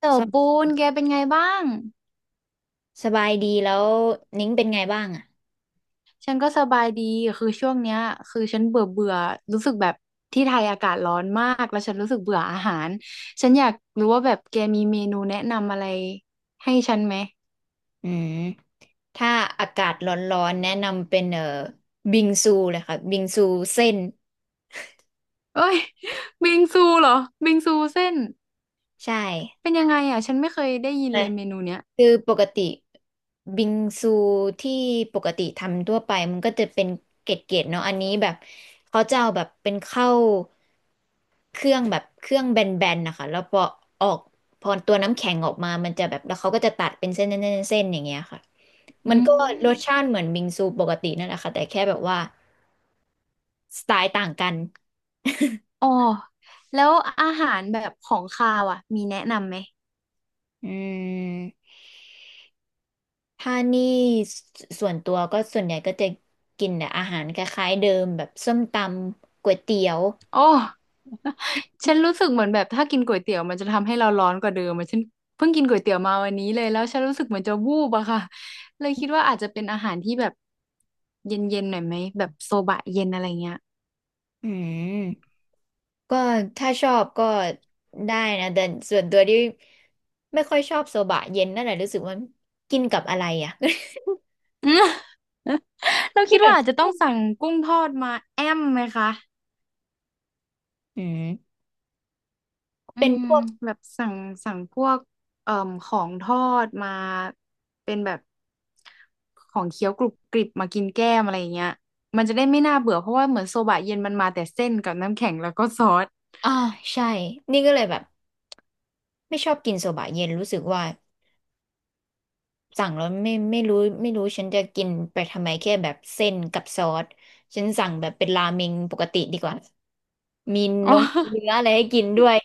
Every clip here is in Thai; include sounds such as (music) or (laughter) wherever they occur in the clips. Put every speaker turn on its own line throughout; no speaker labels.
เต๋อ
ส
ปู
บ
นแกเป็นไงบ้าง
สบายดีแล้วนิ้งเป็นไงบ้างอ่ะ
ฉันก็สบายดีคือช่วงเนี้ยคือฉันเบื่อเบื่อรู้สึกแบบที่ไทยอากาศร้อนมาก แล้วฉันรู้สึกเบื่ออาหาร ฉันอยากรู้ว่าแบบแกมีเมนูแนะนำอะไรให้ฉันไหม
อืมถ้าอากาศร้อนๆแนะนำเป็นบิงซูเลยค่ะบิงซูเส้น
เอ้ย (laughs) บิงซูเหรอบิงซูเส้น
ใช่
เป็นยังไงอ่ะฉันไม่เคยได้ยิน
แต่
เลยเมนูเนี้ย
คือปกติบิงซูที่ปกติทำทั่วไปมันก็จะเป็นเกล็ดๆเนาะอันนี้แบบเขาจะเอาแบบเป็นข้าวเครื่องแบนๆนะคะแล้วพอออกพอตัวน้ำแข็งออกมามันจะแบบแล้วเขาก็จะตัดเป็นเส้นๆๆๆอย่างเงี้ยค่ะ มั
อื
นก็รส
ม
ชาติเหมือนบิงซูปกตินั่นแหละค่ะแต่แค่แบบว่าสไตล์ต่างกัน
อ๋อแล้วอาหารแบบของคาวอ่ะมีแนะนำไหม
อืมถ้านี่ส่วนตัวก็ส่วนใหญ่ก็จะกินแต่อาหารคล้ายๆเดิมแบบส้มตำก๋วยเตี๋ยว
โอ้ (laughs) ฉันรู้สึกเหมือนแบบถ้ากินก๋วยเตี๋ยวมันจะทำให้เราร้อนกว่าเดิมอะฉันเพิ่งกินก๋วยเตี๋ยวมาวันนี้เลยแล้วฉันรู้สึกเหมือนจะวูบอะค่ะเลยคิดว่าอาจจะเป็นอาหารที่แบบเย็นๆหน่อยไหมแบบโซบะเย็นอะไรเงี้ย (laughs)
อืมก็ถ้าชอบก็ได้นะแต่ส่วนตัวที่ไม่ค่อยชอบโซบะเย็นนั่นแหละรู้สึกว่ากินกับอะไรอ่ะ
อืม (laughs) เรา
(laughs)
คิ
ที่
ด
แบ
ว่า
บ
อาจจะต้องสั่งกุ้งทอดมาแอมไหมคะ
อืม
อื
เป็น
ม
พวก
แบบสั่งพวกเอ่อของทอดมาเป็นแบบของเคี้ยวกรุบกริบมากินแก้มอะไรอย่างเงี้ยมันจะได้ไม่น่าเบื่อเพราะว่าเหมือนโซบะเย็นมันมาแต่เส้นกับน้ำแข็งแล้วก็ซอส
อ่าใช่นี่ก็เลยแบบไม่ชอบกินโซบะเย็นรู้สึกว่า สั่งแล้วไม่รู้ฉันจะกินไปทำไมแค่แบบเส้นกับซอสฉันสั่งแบบเป็นราเมงปกติดีกว่ามี
(laughs) อ๋
น
อ
งเนื้ออะไรให้กินด้วย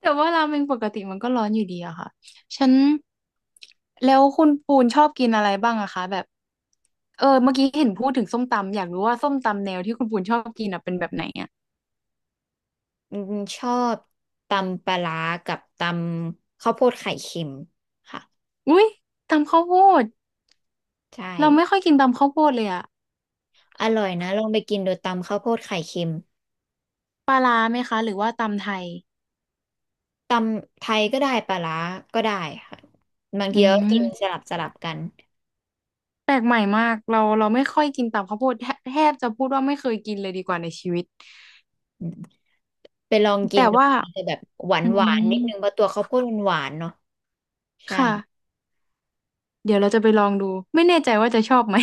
แต่ว่าราเมงปกติมันก็ร้อนอยู่ดีอะค่ะฉันแล้วคุณปูนชอบกินอะไรบ้างอะคะแบบเออเมื่อกี้เห็นพูดถึงส้มตำอยากรู้ว่าส้มตำแนวที่คุณปูนชอบกินอะเป็นแบบไหนอะ
อืมชอบตำปลาร้ากับตำข้าวโพดไข่เค็มค่ะ
อุ้ยตำข้าวโพด
ใช่
เราไม่ค่อยกินตำข้าวโพดเลยอะ
อร่อยนะลองไปกินโดูตำข้าวโพดไข่เค็ม
ปลาร้าไหมคะหรือว่าตำไทย
ตำไทยก็ได้ปลาร้าก็ได้ค่ะบาง
อื
ทีก็กินส
ม
ลับสลับกัน
แปลกใหม่มากเราไม่ค่อยกินตำข้าวโพดแทแทบจะพูดว่าไม่เคยกินเลยดีกว่าในชีวิต
อืมไปลองกิ
แต่
นดู
ว่า
มันจะแบบหวาน
อื
หวา
ม
นนิดนึงเพราะตัวข้าวโพดมันหวานเนาะใช่
ค่ะเดี๋ยวเราจะไปลองดูไม่แน่ใจว่าจะชอบไหม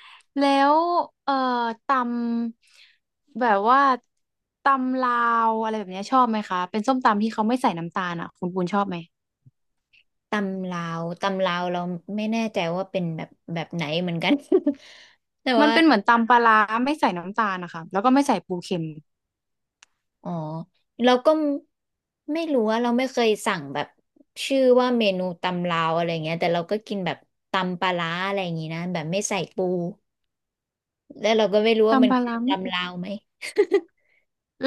(laughs) แล้วเอ่อตำแบบว่าตำลาวอะไรแบบเนี้ยชอบไหมคะเป็นส้มตำที่เขาไม่ใส่น้ำตาลอ่ะคุณปูนชอบไหม
ตำลาว ตำลาวเราไม่แน่ใจว่าเป็นแบบแบบไหนเหมือนกัน (laughs) แต่
มัน
ว่า
เป็นเหมือนตำปลาร้าไม่ใส่น้ำตาลนะคะแล้วก็ไม่ใส่ปูเค็ม
อ๋อเราก็ไม่รู้ว่าเราไม่เคยสั่งแบบชื่อว่าเมนูตำลาวอะไรเงี้ยแต่เราก็กินแบบตำปลาร้าอะไรอย่างงี้นะแบบไม่ใส่ปูแล้วเราก็ไม่รู้ว่ามั
ตำ
น
ปลา
คือ
ร้าไม่ใส่
ตำลาวไหม (laughs)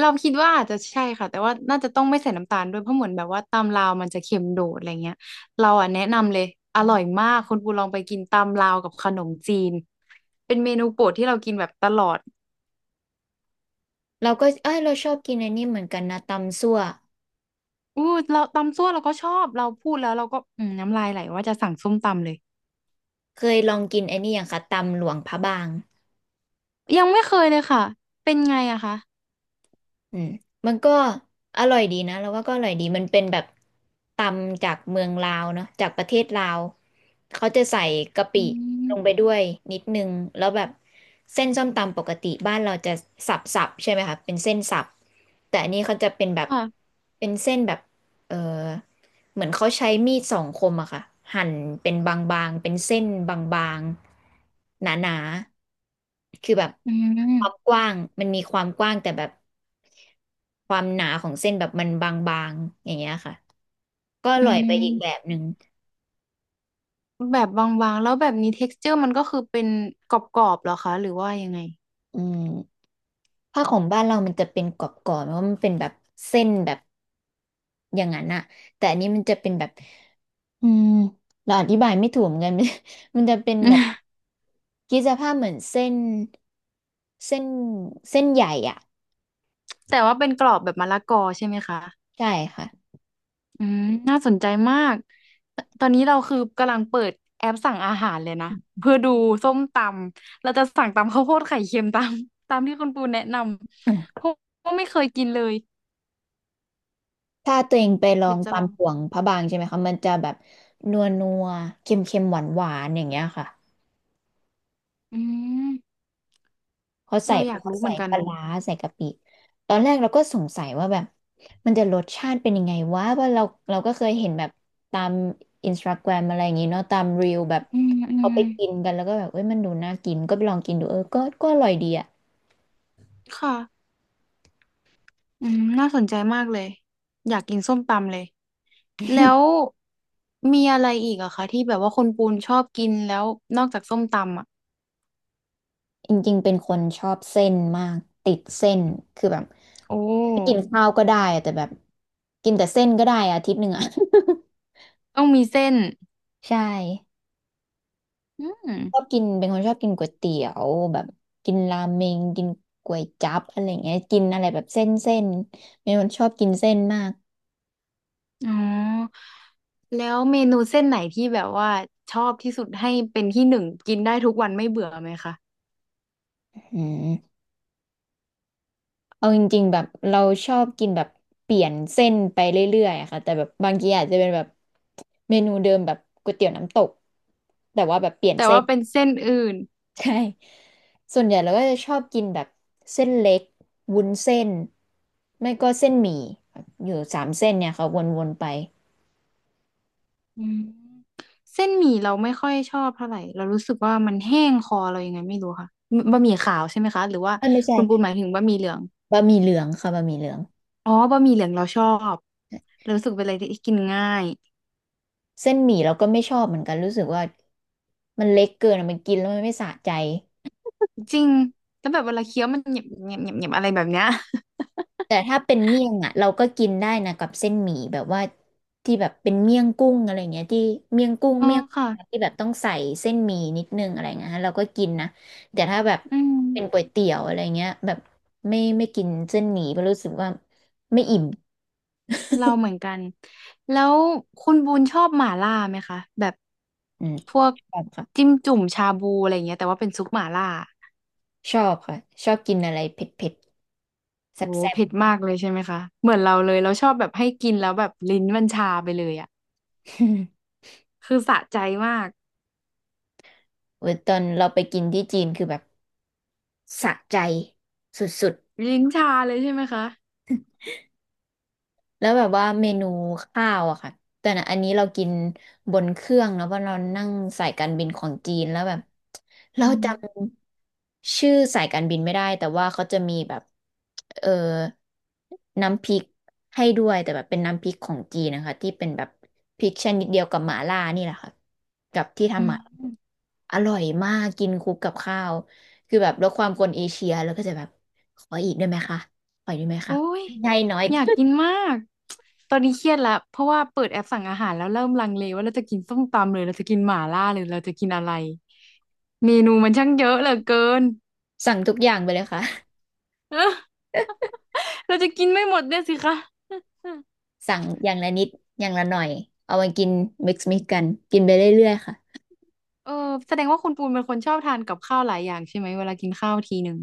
เราคิดว่าอาจจะใช่ค่ะแต่ว่าน่าจะต้องไม่ใส่น้ำตาลด้วยเพราะเหมือนแบบว่าตำลาวมันจะเค็มโดดอะไรเงี้ยเราอ่ะแนะนำเลยอร่อยมากคุณปูลองไปกินตำลาวกับขนมจีนเป็นเมนูโปรดที่เรากินแบบตลอด
เราก็เอ้ยเราชอบกินอันนี้เหมือนกันนะตำซั่ว
อู้เราตำซั่วเราก็ชอบเราพูดแล้วเราก็อืมน้ำลายไหลว่าจะสั่งส้มตำเลย
เคยลองกินอันนี้อย่างคะตำหลวงพระบาง
ยังไม่เคยเลยค่ะเป็นไงอะคะ
อืมมันก็อร่อยดีนะเราว่าก็อร่อยดีมันเป็นแบบตำจากเมืองลาวเนาะจากประเทศลาวเขาจะใส่กะปิ
อืม
ลงไปด้วยนิดนึงแล้วแบบเส้นส้มตำปกติบ้านเราจะสับๆใช่ไหมคะเป็นเส้นสับแต่อันนี้เขาจะเป็นแบบ
ค่ะ
เป็นเส้นแบบ เออเหมือนเขาใช้มีดสองคมอะค่ะหั่นเป็นบางๆเป็นเส้นบางๆหนาๆคือแบบ
อื
ความ
ม
กว้างมันมีความกว้างแต่แบบความหนาของเส้นแบบมันบางๆอย่างเงี้ยค่ะก็อ
อื
ร่อยไปอีกแบ
ม
บหนึ่ง
แบบบางๆแล้วแบบนี้ texture มันก็คือเป็นกรอบๆเหรอคะหรือว่ายังไง
อืมผ้าของบ้านเรามันจะเป็นกรอบๆเพราะมันเป็นแบบเส้นแบบอย่างนั้นอะแต่อันนี้มันจะเป็นแบบอืมเราอธิบายไม่ถูกเหมือนกัน (laughs) มันจะเป็นแบบ
(laughs)
คิดสภาพเหมือนเส้น เส้นใหญ่อ่ะ
แต่ว่าเป็นกรอบแบบมะละกอใช่ไหมคะ
ใช่ค่ะ
อืมน่าสนใจมาก ตอนนี้เราคือกำลังเปิดแอปสั่งอาหารเลยนะ
อ
เพื่อดูส้มตำเราจะสั่งตำข้าวโพดไข่เค็มตาม (laughs) ตามที่คุณปูแนะน
ืม
ำเพราะว่าไม่เคยกินเลย
ถ้าตัวเองไปลอ
เดี๋
ง
ยวจะ
ตา
ล
ม
อง
ห่วงพระบางใช่ไหมคะมันจะแบบนัวนัวเค็มเค็มหวานหวานๆอย่างเงี้ยค่ะ
อืม
เขาใส่
เราอยากรู้เหมือนกั
ป
น
ลาร้าใส่กะปิตอนแรกเราก็สงสัยว่าแบบมันจะรสชาติเป็นยังไงวะว่าเราเราก็เคยเห็นแบบตามอินสตาแกรมอะไรอย่างงี้เนาะตามรีลแบบ
อืมอื
เอา
ม
ไปกินกันแล้วก็แบบเอ้ยมันดูน่ากินก็ไปลองกินดูเออก็อร่อยดีอะ
ค่ะอืมน่าสนใจมากเลย อยากกินส้มตำเลยแล้วมีอะไรอีกอะคะที่แบบว่าคนปูนชอบกินแล้วนอกจากส้มตำอะ
จริงๆเป็นคนชอบเส้นมากติดเส้นคือแบบ
โอ
ไม่กิน
้
ข้าวก็ได้อะแต่แบบกินแต่เส้นก็ได้อาทิตย์หนึ่งอะ
ต้องมีเส้น
(laughs) ใช่
อืม
ชอบกินเป็นคนชอบกินก๋วยเตี๋ยวแบบกินราเมงกินก๋วยจั๊บอะไรเงี้ยกินอะไรแบบเส้นเส้นเป็นคนชอบกินเส้นมาก
อ๋อ แล้วเมนูเส้นไหนที่แบบว่าชอบที่สุดให้เป็นที่หนึ่งกินได้ทุกวันไม่เบื่อไหมคะ
อืมเอาจริงๆแบบเราชอบกินแบบเปลี่ยนเส้นไปเรื่อยๆอะค่ะแต่แบบบางทีอาจจะเป็นแบบเมนูเดิมแบบก๋วยเตี๋ยวน้ำตกแต่ว่าแบบเปลี่ยน
แต่
เส้
ว่า
น
เป็นเส้นอื่น
ใช่ ส่วนใหญ่เราก็จะชอบกินแบบเส้นเล็กวุ้นเส้น ไม่ก็เส้นหมี่อยู่สามเส้นเนี่ยค่ะวนๆไป
อืมเส้นหมี่เราไม่ค่อยชอบเท่าไหร่เรารู้สึกว่ามันแห้งคอเรายังไงไม่รู้ค่ะบะหมี่ขาวใช่ไหมคะหรือว่า
เอ้ยไม่ใช่
คุณปูนหมายถึงบะหมี่เหลือง
บะหมี่เหลืองค่ะบะหมี่เหลือง
อ๋อบะหมี่เหลืองเราชอบเรารู้สึกเป็นอะไรที่กินง่าย
เส้นหมี่เราก็ไม่ชอบเหมือนกันรู้สึกว่ามันเล็กเกินอะมันกินแล้วมันไม่สะใจ
จริงแล้วแบบเวลาเคี้ยวมันเหนียบเหนียบเหนียบเหนียบอะไรแบบเนี้ย
แต่ถ้าเป็นเมี่ยงอ่ะเราก็กินได้นะกับเส้นหมี่แบบว่าที่แบบเป็นเมี่ยงกุ้งอะไรเงี้ยที่เมี่ยงกุ้ง
(laughs) อ๋อ
เมี่ยง
ค่ะ
ที่แบบต้องใส่เส้นหมี่นิดนึงอะไรเงี้ยฮะเราก็กินนะแต่ถ้าแบบ
อื
เป็นก๋ว
ม
ยเตี๋ยวอะไรเงี้ยแบบไม่กินเส้นหมี่เพราะรู้สึกว่าไม่อิ่ม
เราเหมือนกัน แล้วคุณบูนชอบหม่าล่าไหมคะแบบ
อืม
พวก
ชอบค่ะ
จิ้มจุ่มชาบูอะไรอย่างเงี้ยแต่ว่าเป็นซุปหม่าล่า
ชอบค่ะชอบกินอะไรเผ็ดเผ็ดแซ่
โอ้
บ
โห
แซ่บ
เผ็ดมากเลยใช่ไหมคะเหมือนเราเลยเราชอบแบบให้กินแล้วแบบลิ้นมันชาไปเลยอ่ะ
(laughs)
คือสะใจมาก
โอ้ (laughs) ยตอนเราไปกินที่จีนคือแบบสะใจสุดๆ
ลิ้นชาเลยใช่ไหมคะ
แล้วแบบว่าเมนูข้าวอะค่ะแต่นะอันนี้เรากินบนเครื่องเนอะเพราะเรานั่งสายการบินของจีนแล้วแบบเรา
อืม
จำชื่อสายการบินไม่ได้แต่ว่าเขาจะมีแบบเออน้ำพริกให้ด้วยแต่แบบเป็นน้ำพริกของจีนนะคะที่เป็นแบบพริกชนิดเดียวกับหม่าล่านี่แหละค่ะกับที่
อื
ทำหม่าล่า
ม
อร่อยมากกินคลุกกับข้าวคือแบบลดความคนเอเชียแล้วก็จะแบบขออีกได้ไหมคะขออีกได้ไหม
โอ้
คะ
ย
ให้น้อย
อยากกินมากตอนนี้เครียดแล้วเพราะว่าเปิดแอปสั่งอาหารแล้วเริ่มลังเลว่าเราจะกินส้มตำหรือเราจะกินหม่าล่าหรือเราจะกินอะไรเมนูมันช่างเยอะเหลือเกิน
สั่งทุกอย่างไปเลยค่ะ
(laughs) เออเราจะกินไม่หมดเนี่ยสิคะ
(laughs) สั่งอย่างละนิดอย่างละหน่อยเอามากิน mix mix กันกินไปเรื่อยๆค่ะ
(laughs) เออแสดงว่าคุณปูนเป็นคนชอบทานกับข้าวหลายอย่างใช่ไหมเวลากินข้าวทีหนึ่ง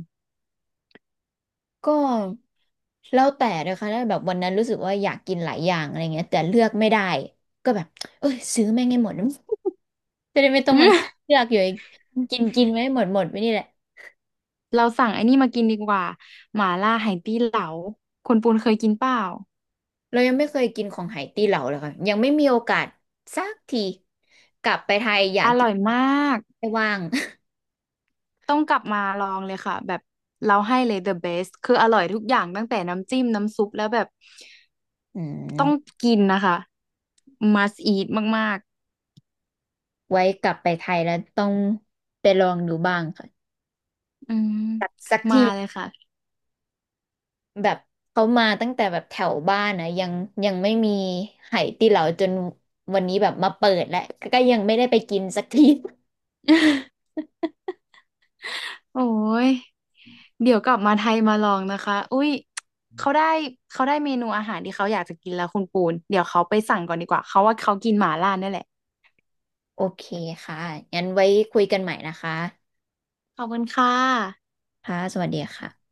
ก็แล้วแต่เลยค่ะถ้าแบบวันนั้นรู้สึกว่าอยากกินหลายอย่างอะไรเงี้ยแต่เลือกไม่ได้ก็แบบเอ้ยซื้อแม่งให้หมด (laughs) จะได้ไม่
(laughs)
ต้อ
อื
งมัน
ม
เลือกอยู่ไอ้กินกินไม่หมดไปนี่แหละ
เราสั่งไอ้นี่มากินดีกว่าหม่าล่าไหตี้เหลาคุณปูนเคยกินเปล่า
เรายังไม่เคยกินของไหตี้เหลาเลยค่ะยังไม่มีโอกาสสักทีกลับไปไทยอยา
อ
กกิ
ร่
น
อยมาก
ไม่ว่าง
ต้องกลับมาลองเลยค่ะแบบเราให้เลย the best คืออร่อยทุกอย่างตั้งแต่น้ำจิ้มน้ำซุปแล้วแบบ
(laughs) อื
ต้อง
ม
กินนะคะ must eat มาก
ไว้กลับไปไทยแล้วต้องไปลองดูบ้างค่ะ
ๆอืม
สัก
มา
ที
เลยค่ะ
แบบเขามาตั้งแต่แบบแถวบ้านนะยังไม่มีไหตีเหลาจนวันนี้แบบมาเปิดแล้วก็ยังไม่ได้ไปกินสักที (laughs)
(laughs) โอ้ย เดี๋ยวกลับมาไทยมาลองนะคะอุ้ยเขาได้เขาได้เมนูอาหารที่เขาอยากจะกินแล้วคุณปูน เดี๋ยวเขาไปสั่งก่อนดีกว่าเขาว่าเขากินหม่าล่าเนี่ยแหละ
โอเคค่ะงั้นไว้คุยกันใหม่นะคะ
ขอบคุณค่ะ
ค่ะสวัสดีค่ะ